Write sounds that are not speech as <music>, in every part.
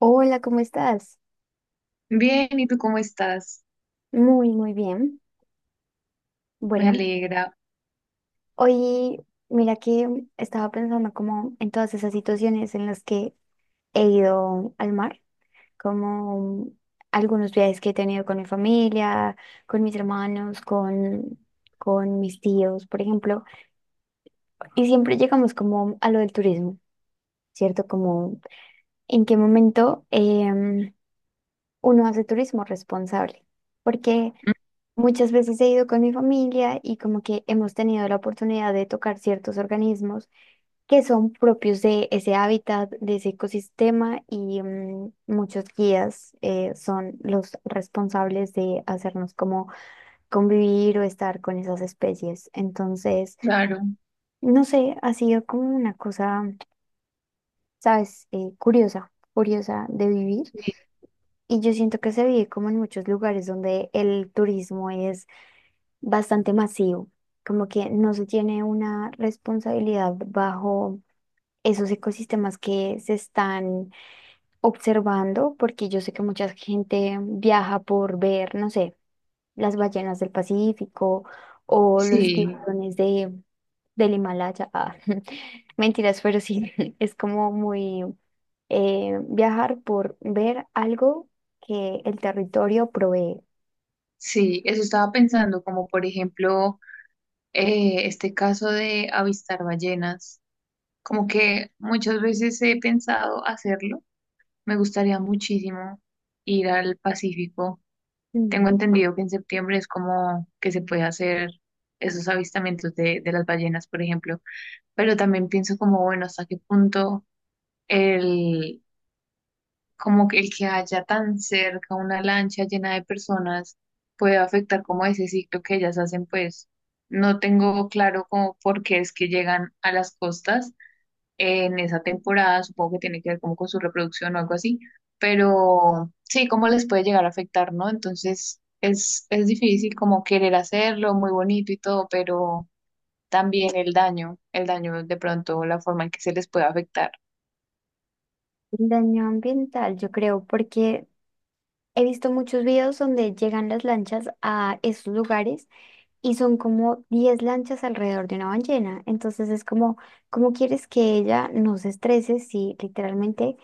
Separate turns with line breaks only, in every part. Hola, ¿cómo estás?
Bien, ¿y tú cómo estás?
Muy, muy bien.
Me
Bueno,
alegra,
hoy mira que estaba pensando como en todas esas situaciones en las que he ido al mar, como algunos viajes que he tenido con mi familia, con mis hermanos, con mis tíos, por ejemplo. Y siempre llegamos como a lo del turismo, ¿cierto? Como en qué momento em, uno hace turismo responsable. Porque muchas veces he ido con mi familia y como que hemos tenido la oportunidad de tocar ciertos organismos que son propios de ese hábitat, de ese ecosistema y muchos guías son los responsables de hacernos como convivir o estar con esas especies. Entonces,
claro.
no sé, ha sido como una cosa, ¿sabes? Curiosa, curiosa de vivir y yo siento que se vive como en muchos lugares donde el turismo es bastante masivo, como que no se tiene una responsabilidad bajo esos ecosistemas que se están observando, porque yo sé que mucha gente viaja por ver, no sé, las ballenas del Pacífico o los
Sí,
tiburones del Himalaya. Ah, <laughs> mentiras, pero sí, <laughs> es como muy viajar por ver algo que el territorio provee.
sí, eso estaba pensando, como por ejemplo, este caso de avistar ballenas, como que muchas veces he pensado hacerlo, me gustaría muchísimo ir al Pacífico. Tengo
Mm.
entendido que en septiembre es como que se puede hacer esos avistamientos de las ballenas, por ejemplo, pero también pienso como, bueno, ¿hasta qué punto el como que el que haya tan cerca una lancha llena de personas puede afectar como ese ciclo que ellas hacen, pues no tengo claro como por qué es que llegan a las costas en esa temporada, supongo que tiene que ver como con su reproducción o algo así, pero sí, cómo les puede llegar a afectar, ¿no? Entonces es difícil como querer hacerlo, muy bonito y todo, pero también el daño de pronto, la forma en que se les puede afectar.
El daño ambiental, yo creo, porque he visto muchos videos donde llegan las lanchas a esos lugares y son como 10 lanchas alrededor de una ballena. Entonces es como, ¿cómo quieres que ella no se estrese si literalmente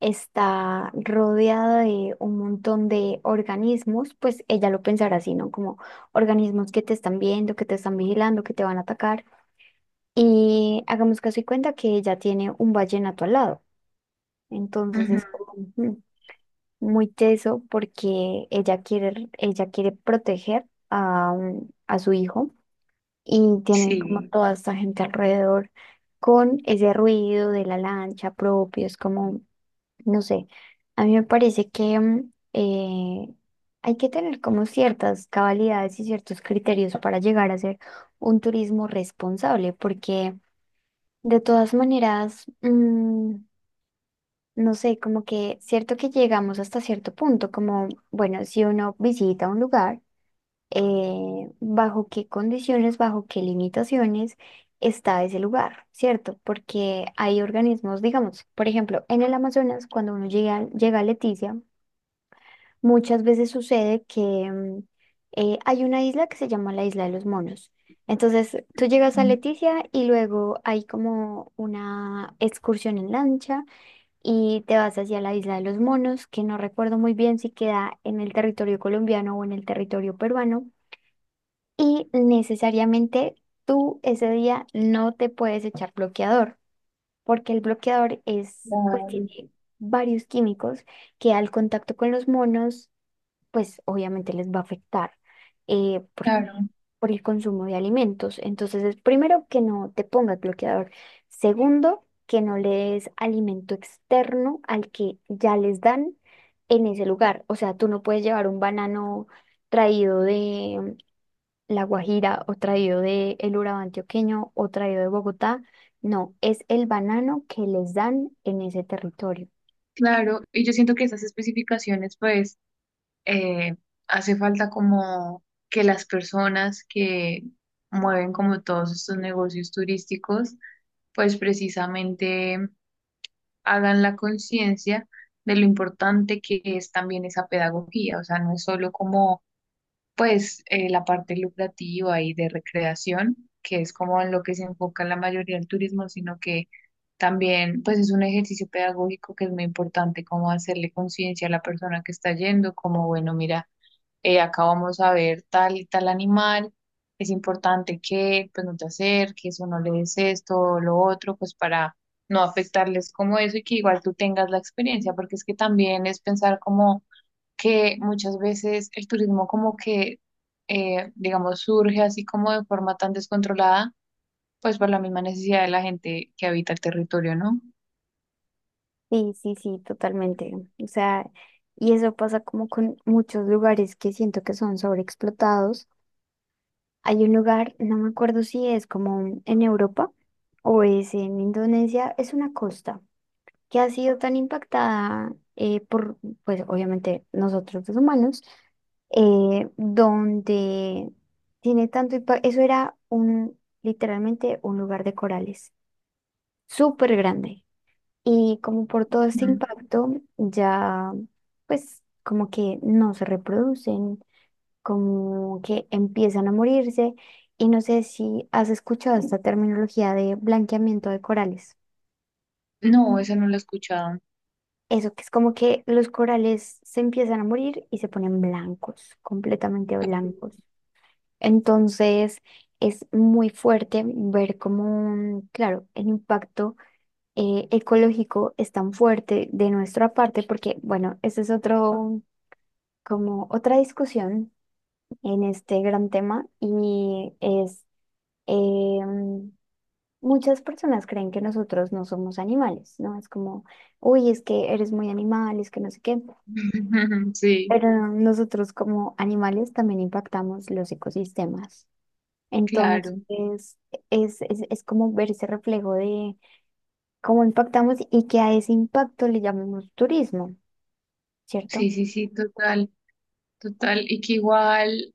está rodeada de un montón de organismos? Pues ella lo pensará así, ¿no? Como organismos que te están viendo, que te están vigilando, que te van a atacar. Y hagamos caso y cuenta que ella tiene un vallenato al lado. Entonces
Ujú,
es como, ujú, muy teso porque ella quiere proteger a su hijo y tiene como
sí,
toda esta gente alrededor con ese ruido de la lancha propio, es como, no sé, a mí me parece que hay que tener como ciertas cabalidades y ciertos criterios para llegar a ser un turismo responsable, porque de todas maneras, no sé, como que cierto que llegamos hasta cierto punto, como, bueno, si uno visita un lugar, bajo qué condiciones, bajo qué limitaciones está ese lugar, ¿cierto? Porque hay organismos, digamos, por ejemplo, en el Amazonas, cuando uno llega, llega a Leticia, muchas veces sucede que mm, hay una isla que se llama la Isla de los Monos. Entonces, tú llegas a Leticia y luego hay como una excursión en lancha y te vas hacia la isla de los monos, que no recuerdo muy bien si queda en el territorio colombiano o en el territorio peruano, y necesariamente tú ese día no te puedes echar bloqueador, porque el bloqueador es, pues
claro,
tiene varios químicos que al contacto con los monos, pues obviamente les va a afectar, eh,
claro.
por el consumo de alimentos. Entonces, es primero que no te pongas bloqueador. Segundo, que no le des alimento externo al que ya les dan en ese lugar. O sea, tú no puedes llevar un banano traído de La Guajira o traído de el Urabá antioqueño o traído de Bogotá. No, es el banano que les dan en ese territorio.
Claro, y yo siento que esas especificaciones, pues, eh, hace falta como que las personas que mueven como todos estos negocios turísticos, pues precisamente hagan la conciencia de lo importante que es también esa pedagogía, o sea, no es solo como pues la parte lucrativa y de recreación, que es como en lo que se enfoca la mayoría del turismo, sino que también pues es un ejercicio pedagógico que es muy importante, como hacerle conciencia a la persona que está yendo, como bueno, mira, acá vamos a ver tal y tal animal, es importante que pues no te acerques o no le des esto o lo otro, pues para no afectarles como eso y que igual tú tengas la experiencia, porque es que también es pensar como que muchas veces el turismo como que, digamos, surge así como de forma tan descontrolada, pues por la misma necesidad de la gente que habita el territorio, ¿no?
Sí, sí, sí, totalmente. O sea, y eso pasa como con muchos lugares que siento que son sobreexplotados. Hay un lugar, no me acuerdo si es como en Europa o es en Indonesia, es una costa que ha sido tan impactada por, pues obviamente nosotros los humanos, donde tiene tanto impacto, eso era un, literalmente un lugar de corales, súper grande. Y como por todo este
Ujú.
impacto, ya pues como que no se reproducen, como que empiezan a morirse y no sé si has escuchado esta terminología de blanqueamiento de corales.
No, esa no la he escuchado.
Eso que es como que los corales se empiezan a morir y se ponen blancos, completamente blancos. Entonces es muy fuerte ver cómo, claro, el impacto ecológico es tan fuerte de nuestra parte, porque bueno, ese es otro, como otra discusión en este gran tema y es, em, muchas personas creen que nosotros no somos animales, ¿no? Es como, uy, es que eres muy animal, es que no sé qué.
<laughs> Sí,
Pero nosotros como animales también impactamos los ecosistemas.
claro.
Entonces, es como ver ese reflejo de cómo impactamos y que a ese impacto le llamemos turismo, ¿cierto?
Sí, sí, sí, total, total. Y que igual,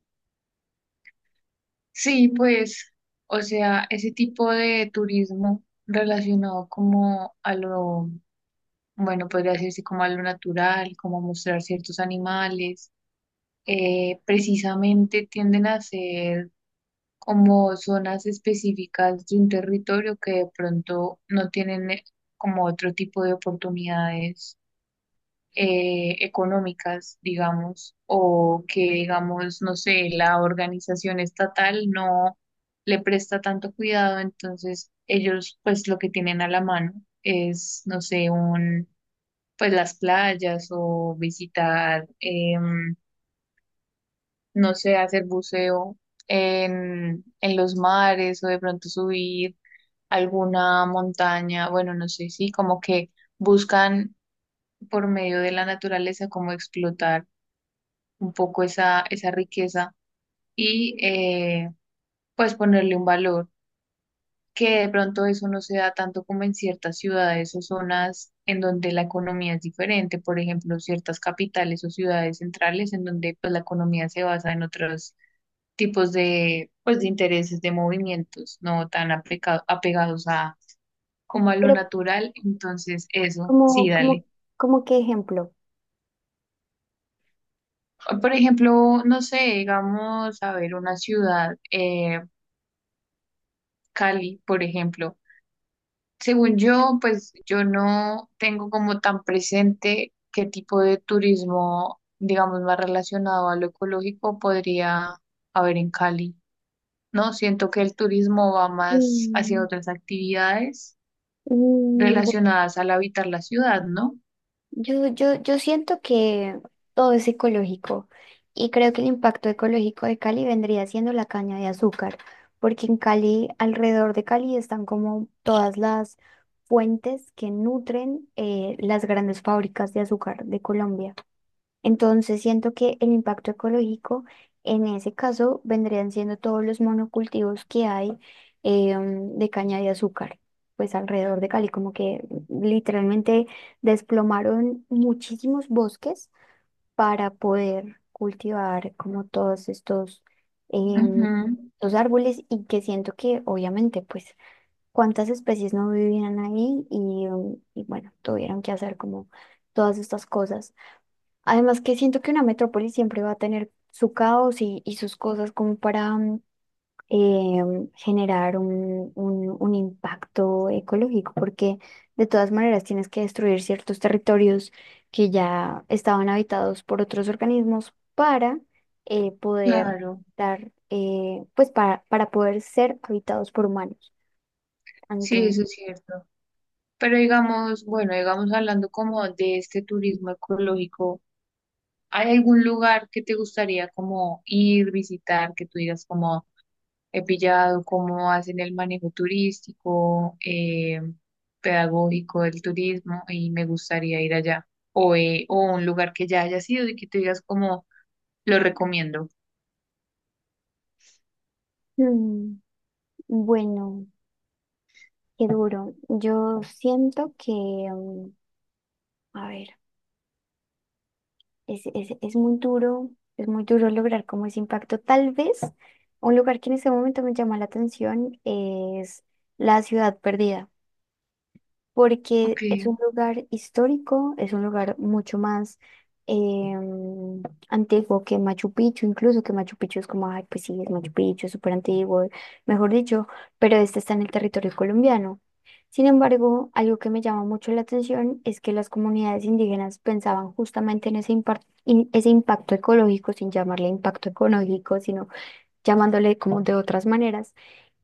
sí, pues, o sea, ese tipo de turismo relacionado como a lo, bueno, podría decirse como a lo natural, como a mostrar ciertos animales precisamente tienden a ser como zonas específicas de un territorio que de pronto no tienen como otro tipo de oportunidades económicas, digamos, o que digamos, no sé, la organización estatal no le presta tanto cuidado, entonces ellos pues lo que tienen a la mano es, no sé, un pues las playas o visitar no sé, hacer buceo en, los mares o de pronto subir alguna montaña, bueno, no sé, sí, como que buscan por medio de la naturaleza como explotar un poco esa riqueza y pues ponerle un valor, que de pronto eso no se da tanto como en ciertas ciudades o zonas en donde la economía es diferente, por ejemplo, ciertas capitales o ciudades centrales en donde pues la economía se basa en otros tipos de, pues, de intereses, de movimientos, no tan apegados a como a lo
Pero
natural, entonces eso,
como,
sí,
como,
dale.
como qué ejemplo.
Por ejemplo, no sé, digamos, a ver, una ciudad, Cali, por ejemplo. Según yo, pues yo no tengo como tan presente qué tipo de turismo, digamos, más relacionado a lo ecológico podría haber en Cali, ¿no? Siento que el turismo va más hacia
Mm.
otras actividades
Mm.
relacionadas al habitar la ciudad, ¿no?
Yo siento que todo es ecológico y creo que el impacto ecológico de Cali vendría siendo la caña de azúcar, porque en Cali, alrededor de Cali, están como todas las fuentes que nutren las grandes fábricas de azúcar de Colombia. Entonces siento que el impacto ecológico en ese caso vendrían siendo todos los monocultivos que hay de caña de azúcar, pues alrededor de Cali, como que literalmente desplomaron muchísimos bosques para poder cultivar como todos em,
Ujú,
estos árboles y que siento que obviamente pues cuántas especies no vivían ahí y bueno, tuvieron que hacer como todas estas cosas. Además que siento que una metrópoli siempre va a tener su caos y sus cosas como para generar un impacto ecológico, porque de todas maneras tienes que destruir ciertos territorios que ya estaban habitados por otros organismos para poder
claro,
dar, pues para poder ser habitados por humanos.
sí,
Entonces,
eso es cierto. Pero digamos, bueno, digamos hablando como de este turismo ecológico, ¿hay algún lugar que te gustaría como ir, visitar, que tú digas como he pillado, cómo hacen el manejo turístico, pedagógico del turismo y me gustaría ir allá? O un lugar que ya haya sido y que tú digas como lo recomiendo.
mm, bueno, qué duro. Yo siento que, a ver. Es muy duro, es muy duro lograr como ese impacto. Tal vez un lugar que en este momento me llama la atención es la ciudad perdida
Ok.
porque es un lugar histórico, es un lugar mucho más em, antiguo que Machu Picchu, incluso que Machu Picchu es como, ay, pues sí, es Machu Picchu, es súper antiguo, mejor dicho, pero este está en el territorio colombiano. Sin embargo, algo que me llama mucho la atención es que las comunidades indígenas pensaban justamente en ese impacto ecológico, sin llamarle impacto ecológico, sino llamándole como de otras maneras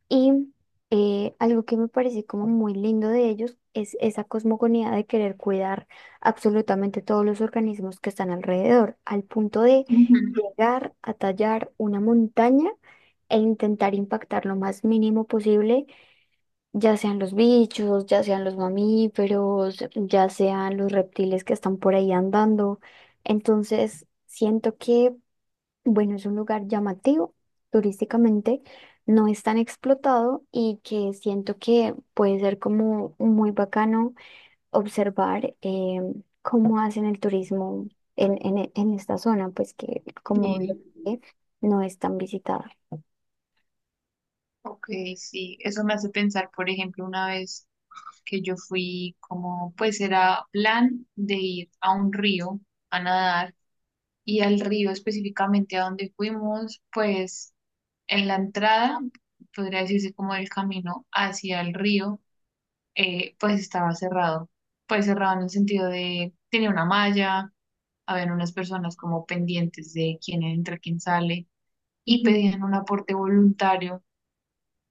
y algo que me parece como muy lindo de ellos es esa cosmogonía de querer cuidar absolutamente todos los organismos que están alrededor, al punto de
Ujú,
llegar a tallar una montaña e intentar impactar lo más mínimo posible, ya sean los bichos, ya sean los mamíferos, ya sean los reptiles que están por ahí andando. Entonces, siento que bueno, es un lugar llamativo turísticamente, no es tan explotado y que siento que puede ser como muy bacano observar cómo hacen el turismo en esta zona, pues que como lo
sí.
dije, no es tan visitada.
Ok, sí, eso me hace pensar, por ejemplo, una vez que yo fui como, pues era plan de ir a un río a nadar y al río específicamente a donde fuimos, pues en la entrada, podría decirse como el camino hacia el río, pues estaba cerrado, pues cerrado en el sentido de, tenía una malla, habían unas personas como pendientes de quién entra, quién sale y
Ujú,
pedían un aporte voluntario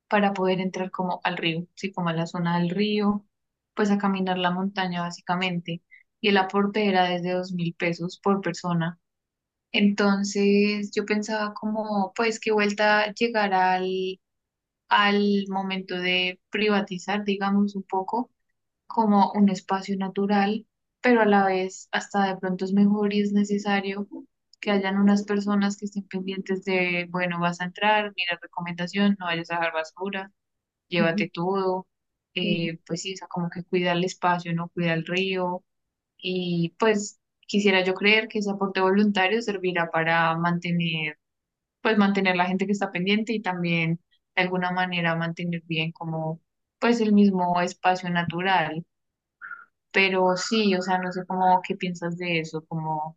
para poder entrar como al río, sí, como a la zona del río, pues a caminar la montaña básicamente. Y el aporte era desde 2.000 pesos por persona. Entonces yo pensaba como, pues qué vuelta llegar al, al momento de privatizar, digamos, un poco como un espacio natural, pero a la vez hasta de pronto es mejor y es necesario que hayan unas personas que estén pendientes de, bueno, vas a entrar, mira recomendación, no vayas a dejar basura
ujú,
llévate todo,
ujú.
pues sí, o sea, como que cuida el espacio, no cuida el río y pues quisiera yo creer que ese aporte voluntario servirá para mantener, pues mantener la gente que está pendiente y también de alguna manera mantener bien como pues el mismo espacio natural, pero sí, o sea, no sé cómo qué piensas de eso, como